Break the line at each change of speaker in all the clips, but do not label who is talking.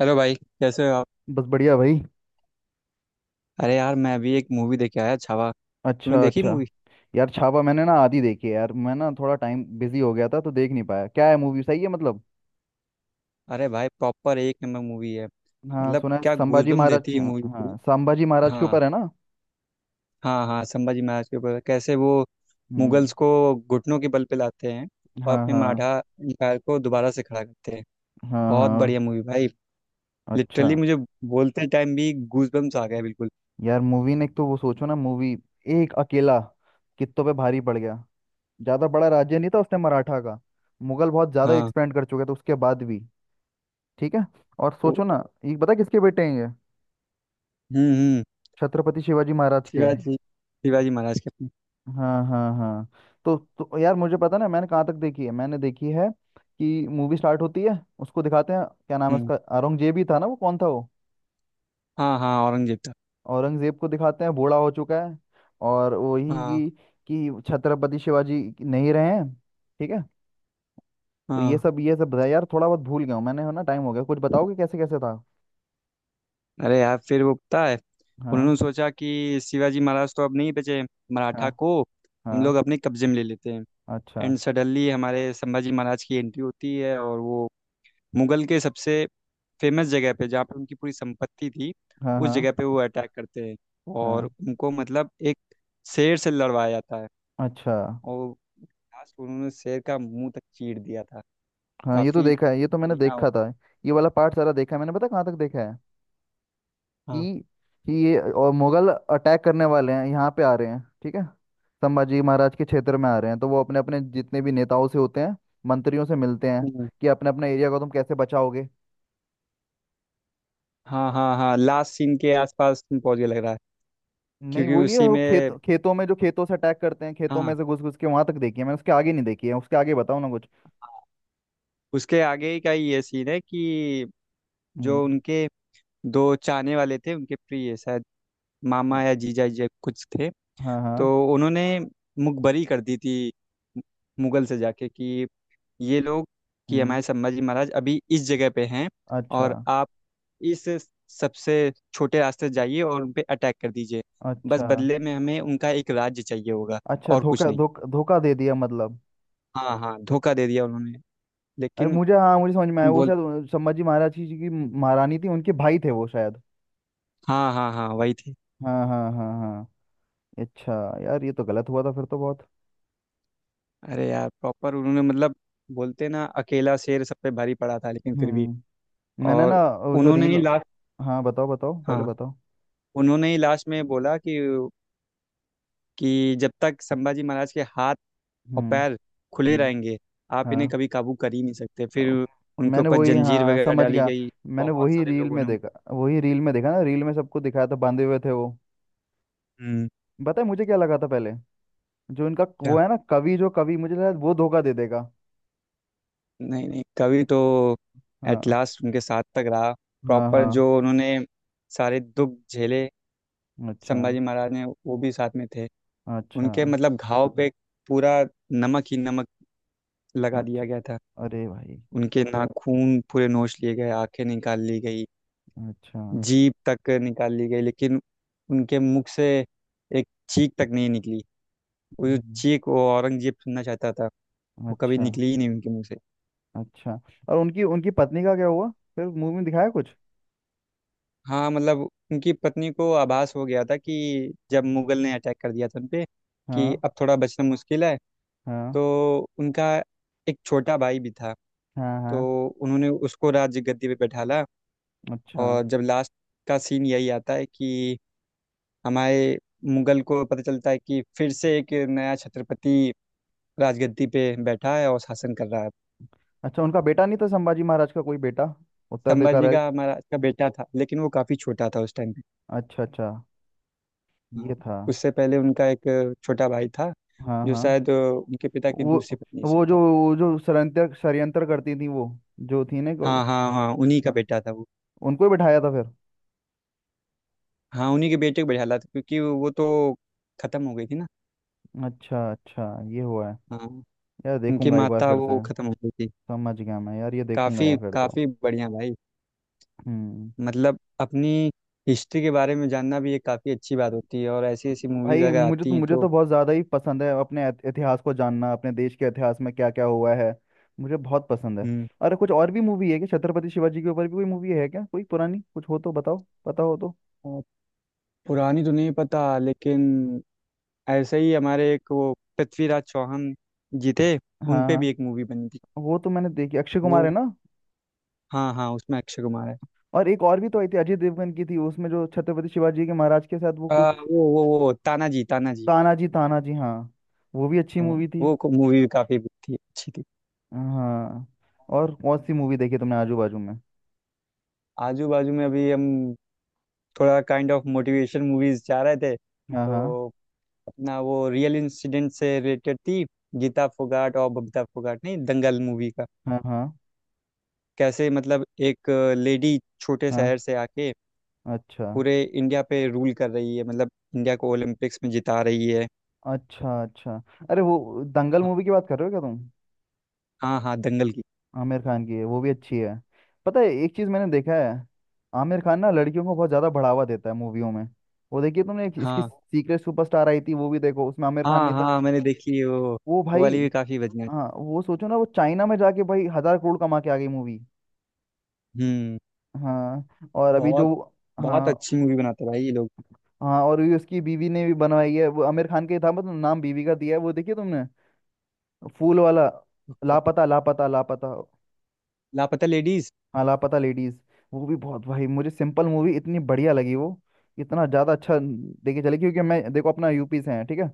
Hello भाई, कैसे हो आप?
बस बढ़िया भाई।
अरे यार, मैं अभी एक मूवी देख के आया, छावा। तूने
अच्छा
देखी
अच्छा।
मूवी?
यार छावा मैंने ना आधी देखी है यार, मैं ना थोड़ा टाइम बिजी हो गया था तो देख नहीं पाया। क्या है, मूवी सही है मतलब?
अरे भाई, प्रॉपर एक नंबर मूवी है।
हाँ
मतलब
सुना है,
क्या
संभाजी
गूजबम
महाराज।
देती है
हाँ
मूवी पूरी।
हाँ, संभाजी महाराज के
हाँ।
ऊपर है ना?
हाँ हाँ, संभाजी महाराज के ऊपर। कैसे वो
हम्म।
मुगल्स को घुटनों के बल पे लाते हैं, और
हाँ
अपने
हाँ
मराठा एम्पायर को दोबारा से खड़ा करते हैं।
हाँ
बहुत
हाँ।
बढ़िया मूवी भाई। लिटरली
अच्छा।
मुझे बोलते टाइम भी गूजबम्स आ गए बिल्कुल।
यार मूवी ने, एक तो वो सोचो ना मूवी, एक अकेला कित्तों पे भारी पड़ गया। ज्यादा बड़ा राज्य नहीं था उसने मराठा का। मुगल बहुत ज्यादा
हाँ।
एक्सपेंड कर चुके थे उसके बाद भी। ठीक है। और
वो-
सोचो ना, ये पता है किसके बेटे हैं ये?
हम्म।
छत्रपति शिवाजी महाराज के।
शिवाजी शिवाजी महाराज के अपने।
हाँ हाँ हाँ। तो यार मुझे पता ना, मैंने कहाँ तक देखी है। मैंने देखी है कि मूवी स्टार्ट होती है, उसको दिखाते हैं, क्या नाम है
हम्म।
उसका, औरंगजेब ही था ना, वो कौन था वो?
हाँ हाँ, औरंगजेब था।
औरंगजेब को दिखाते हैं बूढ़ा हो चुका है। और वही
हाँ
कि छत्रपति शिवाजी नहीं रहे हैं। ठीक है। तो ये
हाँ।
सब ये सब बताया यार। थोड़ा बहुत भूल गया हूँ मैंने, है ना, टाइम हो गया। कुछ बताओगे कैसे कैसे था?
अरे यार, फिर वो पता है?
हाँ
उन्होंने सोचा कि शिवाजी महाराज तो अब नहीं बचे,
हाँ
मराठा को हम लोग
हाँ।
अपने कब्जे में ले लेते हैं।
अच्छा।
एंड सडनली हमारे संभाजी महाराज की एंट्री होती है, और वो मुगल के सबसे फेमस जगह पे, जहाँ पे उनकी पूरी संपत्ति थी,
हाँ
उस
हाँ
जगह पे वो अटैक करते हैं। और
हाँ।
उनको, मतलब, एक शेर से लड़वाया जाता है।
अच्छा।
और लास्ट उन्होंने शेर का मुंह तक चीर दिया था।
हाँ ये तो
काफी
देखा है, ये तो मैंने
बढ़िया हो।
देखा था। ये वाला पार्ट सारा देखा है मैंने। पता कहाँ तक देखा है?
हाँ।
कि कि ये और मुगल अटैक करने वाले हैं, यहाँ पे आ रहे हैं ठीक है, संभाजी महाराज के क्षेत्र में आ रहे हैं। तो वो अपने अपने जितने भी नेताओं से होते हैं, मंत्रियों से मिलते हैं
हम्म।
कि अपने अपने एरिया को तुम कैसे बचाओगे।
हाँ हाँ हाँ, लास्ट सीन के आसपास तुम पहुंच गए लग रहा है।
नहीं
क्योंकि
वो नहीं है,
उसी
वो खेत,
में,
खेतों में, जो खेतों से अटैक करते हैं, खेतों में
हाँ,
से घुस घुस के, वहां तक देखी है मैंने। उसके आगे नहीं देखी है, उसके आगे बताओ ना कुछ।
उसके आगे ही का ही ये सीन है कि
हम्म।
जो उनके दो चाहने वाले थे, उनके प्रिय, शायद मामा
हाँ
या जीजा जी कुछ थे।
हाँ
तो
हाँ,
उन्होंने मुखबरी कर दी थी मुगल से जाके कि ये लोग, कि
हम्म।
हमारे संभाजी महाराज अभी इस जगह पे हैं,
अच्छा।
और आप इस सबसे छोटे रास्ते से जाइए और उन पे अटैक कर दीजिए। बस
अच्छा।
बदले में हमें उनका एक राज्य चाहिए होगा,
अच्छा,
और कुछ
धोखा
नहीं।
धोखा धोखा दे दिया मतलब।
हाँ हाँ, धोखा दे दिया उन्होंने,
अरे
लेकिन।
मुझे, हाँ मुझे समझ में आया, वो
बोल।
शायद संभाजी महाराज की जी की महारानी थी, उनके भाई थे वो शायद।
हाँ हाँ हाँ, वही थी।
हाँ हाँ हाँ हाँ। अच्छा। यार ये तो गलत हुआ था फिर तो बहुत।
अरे यार, प्रॉपर उन्होंने, मतलब, बोलते ना, अकेला शेर सब पे भारी पड़ा था, लेकिन फिर भी।
हम्म। मैंने
और
ना, वो जो
उन्होंने
रील।
ही लास्ट।
हाँ बताओ बताओ, पहले
हाँ,
बताओ।
उन्होंने ही लास्ट में बोला कि जब तक संभाजी महाराज के हाथ और
हम्म।
पैर खुले
हम्म।
रहेंगे, आप इन्हें
हाँ।
कभी काबू कर ही नहीं सकते
अ,
फिर। उनके
मैंने
ऊपर
वही,
जंजीर
हाँ
वगैरह
समझ
डाली
गया,
गई।
मैंने
बहुत
वही
सारे
रील
लोगों
में
ने।
देखा। वही रील में देखा ना, रील में सबको दिखाया था, बांधे हुए थे वो।
हम्म।
बताए मुझे क्या लगा था पहले? जो इनका
क्या?
वो है ना कवि, जो कवि मुझे लगा वो धोखा दे देगा।
नहीं नहीं, कवि तो एट
हाँ
लास्ट उनके साथ तक रहा।
हाँ
प्रॉपर
हाँ।
जो उन्होंने सारे दुख झेले
अच्छा।
संभाजी महाराज ने, वो भी साथ में थे।
अच्छा।
उनके, मतलब, घाव पे पूरा नमक ही नमक लगा दिया
अच्छा
गया था।
अरे भाई।
उनके नाखून पूरे नोच लिए गए, आंखें निकाल ली गई,
अच्छा।
जीभ तक निकाल ली गई, लेकिन उनके मुख से एक चीख तक नहीं निकली। वो जो
हम्म,
चीख वो औरंगजेब सुनना चाहता था, वो कभी
अच्छा।
निकली ही नहीं उनके मुंह से।
अच्छा। और उनकी उनकी पत्नी का क्या हुआ? फिर मूवी में दिखाया कुछ?
हाँ, मतलब, उनकी पत्नी को आभास हो गया था कि जब मुगल ने अटैक कर दिया था उन पे कि
हाँ
अब थोड़ा बचना मुश्किल है।
हाँ
तो उनका एक छोटा भाई भी था,
हाँ
तो
हाँ।
उन्होंने उसको राज्य गद्दी पे बैठाला।
अच्छा।
और जब लास्ट का सीन यही आता है कि हमारे मुगल को पता चलता है कि फिर से एक नया छत्रपति राजगद्दी पे बैठा है और शासन कर रहा है।
अच्छा उनका बेटा नहीं था? संभाजी महाराज का कोई बेटा,
संभाजी
उत्तराधिकारी?
का हमारा का बेटा था लेकिन वो काफ़ी छोटा था उस टाइम पे।
अच्छा अच्छा।
हाँ।
ये था।
उससे पहले उनका एक छोटा भाई था,
हाँ
जो
हाँ।
शायद उनके पिता की
वो
दूसरी पत्नी से
वो जो
था।
वो जो षड्यंत्र षड्यंत्र करती थी वो, जो थी ना,
हाँ हाँ हाँ, उन्हीं का
हाँ।
बेटा था वो।
उनको ही बिठाया था फिर?
हाँ, उन्हीं के बेटे को बैठाला था क्योंकि वो तो खत्म हो गई थी ना।
अच्छा अच्छा। ये हुआ है।
हाँ,
यार
उनकी
देखूंगा एक बार
माता,
फिर से।
वो खत्म हो गई थी।
समझ गया मैं यार, ये देखूंगा
काफ़ी
यार फिर तो।
काफ़ी बढ़िया भाई।
हम्म।
मतलब अपनी हिस्ट्री के बारे में जानना भी एक काफ़ी अच्छी बात होती है, और ऐसी ऐसी मूवीज़
भाई
अगर
मुझे
आती
तो
हैं
मुझे
तो।
तो बहुत ज़्यादा ही पसंद है अपने इतिहास को जानना, अपने देश के इतिहास में क्या क्या हुआ है। मुझे बहुत पसंद है।
हम्म।
अरे कुछ और भी मूवी है क्या? छत्रपति शिवाजी के ऊपर भी कोई मूवी है क्या? कोई पुरानी कुछ हो तो बताओ, पता हो तो।
अ, पुरानी तो नहीं पता, लेकिन ऐसे ही हमारे एक, वो, पृथ्वीराज चौहान जी थे, उन
हाँ
पे भी
हाँ।
एक मूवी बनी थी।
वो तो मैंने देखी, अक्षय कुमार है
वो,
ना।
हाँ हाँ, उसमें अक्षय कुमार है।
और एक और भी तो आई थी, अजय देवगन की थी, उसमें जो छत्रपति शिवाजी के महाराज के साथ वो
अ,
कुछ।
वो तानाजी तानाजी।
तानाजी तानाजी हाँ। वो भी अच्छी
हाँ।
मूवी थी।
वो को मूवी काफ़ी थी, अच्छी थी।
हाँ। और कौन सी मूवी देखी तुमने आजू बाजू में?
आजू बाजू में अभी हम थोड़ा काइंड ऑफ मोटिवेशन मूवीज जा रहे थे,
हाँ हाँ
तो अपना, वो, रियल इंसिडेंट से रिलेटेड थी। गीता फोगाट और बबीता फोगाट, नहीं दंगल मूवी का।
हाँ हाँ
कैसे, मतलब, एक लेडी छोटे
हाँ।
शहर से आके
अच्छा
पूरे इंडिया पे रूल कर रही है, मतलब इंडिया को ओलंपिक्स में जिता रही है।
अच्छा। अच्छा, अरे वो दंगल मूवी की बात कर रहे हो क्या तुम?
हाँ हाँ, दंगल की।
आमिर खान की है, वो भी अच्छी है। पता है एक चीज मैंने देखा है, आमिर खान ना लड़कियों को बहुत ज्यादा बढ़ावा देता है मूवियों में। वो देखिए तुमने, इसकी
हाँ
सीक्रेट सुपरस्टार आई थी, वो भी देखो, उसमें आमिर खान
हाँ
नहीं था।
हाँ, मैंने देखी है वो।
वो
वो
भाई।
वाली भी काफी बढ़िया है।
हाँ, वो सोचो ना, वो चाइना में जाके भाई 1,000 करोड़ कमा के आ गई मूवी।
हम्म।
हाँ और अभी जो,
बहुत बहुत
हाँ
अच्छी मूवी बनाते हैं भाई ये लोग।
हाँ। और ये उसकी बीवी ने भी बनवाई है, वो आमिर खान का ही था मतलब, नाम बीवी का दिया है। वो देखिए तुमने, फूल वाला, लापता लापता लापता
लापता लेडीज।
लापता लेडीज। वो भी, बहुत भाई, मुझे सिंपल मूवी इतनी बढ़िया लगी वो, इतना ज़्यादा अच्छा देखे चले, क्योंकि मैं देखो अपना यूपी से है ठीक है।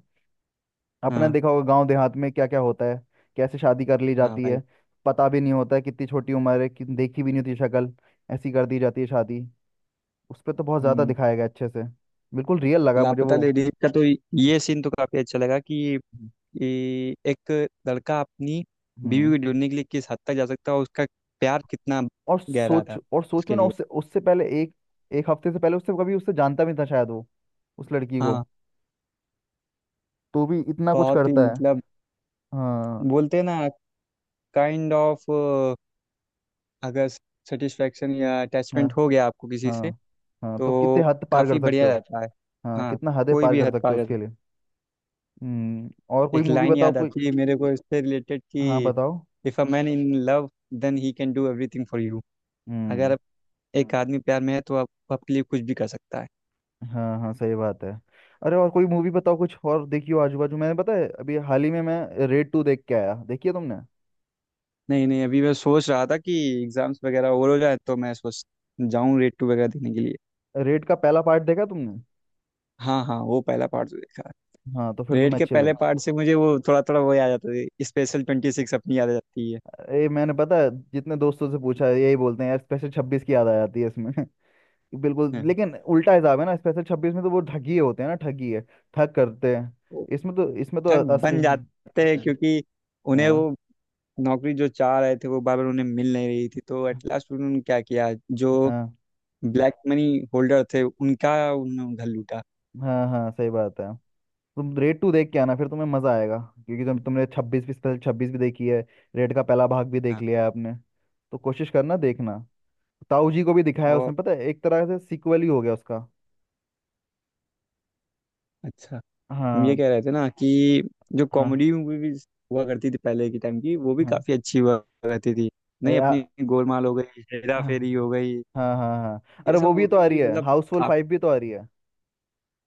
अपना
हाँ
देखा होगा गांव देहात में क्या क्या होता है, कैसे शादी कर ली
हाँ
जाती
भाई।
है, पता भी नहीं होता है, कितनी छोटी उम्र है कि देखी भी नहीं होती शक्ल, ऐसी कर दी जाती है शादी। उस पर तो बहुत ज़्यादा
हम्म।
दिखाया गया अच्छे से। बिल्कुल रियल लगा मुझे
लापता
वो।
लेडीज का तो ये सीन तो काफी अच्छा लगा कि ये एक लड़का अपनी
हम्म।
बीवी को ढूंढने के लिए किस हद तक जा सकता है, और उसका प्यार कितना गहरा था
और सोचो
उसके
ना,
लिए।
उससे उससे पहले एक, एक हफ्ते से पहले उससे कभी, उससे जानता भी नहीं था शायद वो उस लड़की
हाँ,
को, तो भी इतना कुछ
बहुत ही,
करता है।
मतलब,
हाँ
बोलते हैं ना, काइंड ऑफ, अगर सेटिस्फेक्शन या
हाँ
अटैचमेंट हो गया आपको किसी से,
हाँ। हाँ तो कितने
तो
हद पार कर
काफ़ी
सकते
बढ़िया
हो।
रहता है।
हाँ
हाँ,
कितना हदें
कोई
पार
भी
कर
हद
सकते
पार
हो
कर
उसके
सकता।
लिए। हम्म। और कोई
एक
मूवी
लाइन
बताओ
याद
कोई।
आती है मेरे को इससे रिलेटेड
हाँ
कि,
बताओ।
If a man in love, then he can do everything for you.
Hmm.
अगर एक आदमी प्यार में है तो आप आपके लिए कुछ भी कर सकता है।
हाँ हाँ सही बात है। अरे और कोई मूवी बताओ, कुछ और देखी हो आजू बाजू? मैंने, पता है, अभी हाल ही में मैं रेड 2 देख के आया, देखी है तुमने?
नहीं नहीं, अभी मैं सोच रहा था कि एग्जाम्स वगैरह ओवर हो जाए तो मैं सोच जाऊं रेड टू वगैरह देखने के लिए।
रेड का पहला पार्ट देखा तुमने?
हाँ हाँ, वो पहला पार्ट तो देखा है।
हाँ तो फिर
रेड
तुम्हें
के
अच्छे
पहले
लगे।
पार्ट से मुझे, वो, थोड़ा थोड़ा वो याद आता है, स्पेशल 26 अपनी याद आ जाती है।
ये, मैंने पता है जितने दोस्तों से पूछा है, यही बोलते हैं यार, स्पेशल 26 की याद आ जाती है इसमें। बिल्कुल,
हाँ।
लेकिन उल्टा हिसाब है ना, स्पेशल 26 में तो वो ठगी होते हैं ना, ठगी है, ठग करते हैं।
वो
इसमें तो, इसमें तो
ठग
असली,
बन
हाँ।
जाते हैं क्योंकि उन्हें वो
हाँ
नौकरी जो चाह रहे थे वो बार बार उन्हें मिल नहीं रही थी, तो एट लास्ट उन्होंने क्या किया? जो
हाँ
ब्लैक मनी होल्डर थे, उनका उन्होंने उधर लूटा।
हाँ हाँ सही बात है। तुम रेड 2 देख के आना फिर, तुम्हें मजा आएगा, क्योंकि तुमने 26 भी, स्पेशल 26 भी देखी है, रेड का पहला भाग भी देख
हाँ।
लिया है आपने। तो कोशिश करना देखना। ताऊ जी को भी दिखाया है
और
उसमें, पता है, एक तरह से सीक्वल ही हो गया उसका।
अच्छा, हम ये
हाँ
कह रहे थे ना कि जो
हाँ
कॉमेडी मूवी भी हुआ करती थी पहले के टाइम की, वो भी
हाँ।
काफी अच्छी हुआ करती थी।
अरे,
नहीं, अपनी
आ-
गोलमाल हो गई, हेरा
हाँ
फेरी हो गई।
हाँ हाँ हाँ।
ये
अरे
सब
वो भी तो आ
मूवीज
रही
भी,
है,
मतलब,
हाउसफुल
काफी।
फाइव भी तो आ रही है।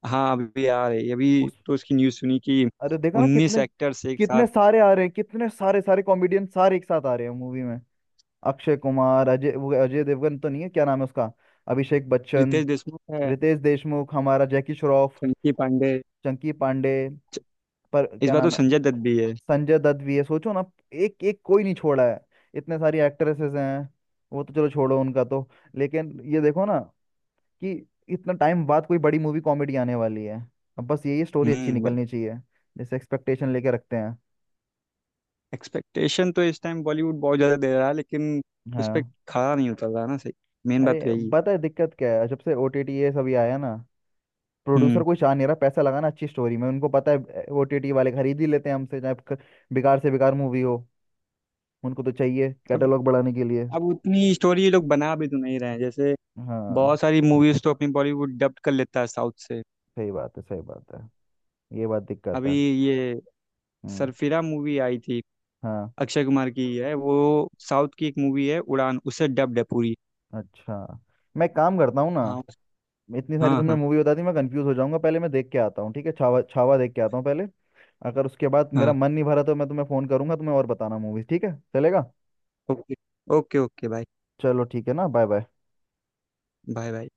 हाँ, अभी आ रही, अभी
उस
तो उसकी न्यूज़ सुनी कि
अरे देखा ना
उन्नीस
कितने,
एक्टर्स एक
कितने
साथ।
सारे आ रहे हैं, कितने सारे सारे कॉमेडियन सारे एक साथ आ रहे हैं मूवी में। अक्षय कुमार, अजय, वो अजय देवगन तो नहीं है, क्या नाम है उसका, अभिषेक बच्चन,
रितेश देशमुख है।
रितेश देशमुख, हमारा जैकी श्रॉफ,
चंकी पांडे।
चंकी पांडे, पर
इस
क्या
बार तो
नाम है,
संजय दत्त भी है।
संजय दत्त भी है, सोचो ना। एक एक कोई नहीं छोड़ा है। इतने सारी एक्ट्रेसेस हैं, वो तो चलो छोड़ो उनका तो, लेकिन ये देखो ना कि इतना टाइम बाद कोई बड़ी मूवी कॉमेडी आने वाली है। अब बस यही स्टोरी अच्छी
हम्म।
निकलनी चाहिए, जैसे एक्सपेक्टेशन लेके रखते हैं।
एक्सपेक्टेशन तो इस टाइम बॉलीवुड बहुत ज्यादा दे रहा है, लेकिन उस पर
हाँ।
खड़ा नहीं उतर रहा ना सही। मेन
अरे
बात तो यही है।
पता है दिक्कत क्या है, जब से ओटीटी ये सभी आया ना, प्रोड्यूसर
हम्म।
कोई चाह नहीं रहा पैसा लगाना अच्छी स्टोरी में, उनको पता है ओटीटी वाले खरीद ही लेते हैं हमसे, चाहे बेकार से बेकार मूवी हो, उनको तो चाहिए
अब
कैटलॉग बढ़ाने के लिए।
अब उतनी स्टोरी ये लोग बना भी तो नहीं रहे हैं, जैसे
हाँ
बहुत सारी मूवीज तो अपनी बॉलीवुड डब्ड कर लेता है साउथ से।
सही बात है, सही बात है, ये बात दिक्कत
अभी
है।
ये
हम्म।
सरफिरा मूवी आई थी,
हाँ।
अक्षय कुमार की ही है, वो साउथ की एक मूवी है, उड़ान, उससे डब्ड है पूरी।
अच्छा। मैं काम करता हूँ ना,
हाँ
इतनी सारी
हाँ
तुमने
हाँ
मूवी बता दी, मैं कंफ्यूज हो जाऊंगा। पहले मैं देख के आता हूँ ठीक है, छावा, छावा देख के आता हूँ पहले। अगर उसके बाद मेरा
हाँ,
मन नहीं भरा तो मैं तुम्हें फोन करूंगा, तुम्हें और बताना मूवीज, ठीक है, चलेगा?
ओके ओके ओके, बाय
चलो ठीक है ना, बाय बाय।
Bye bye.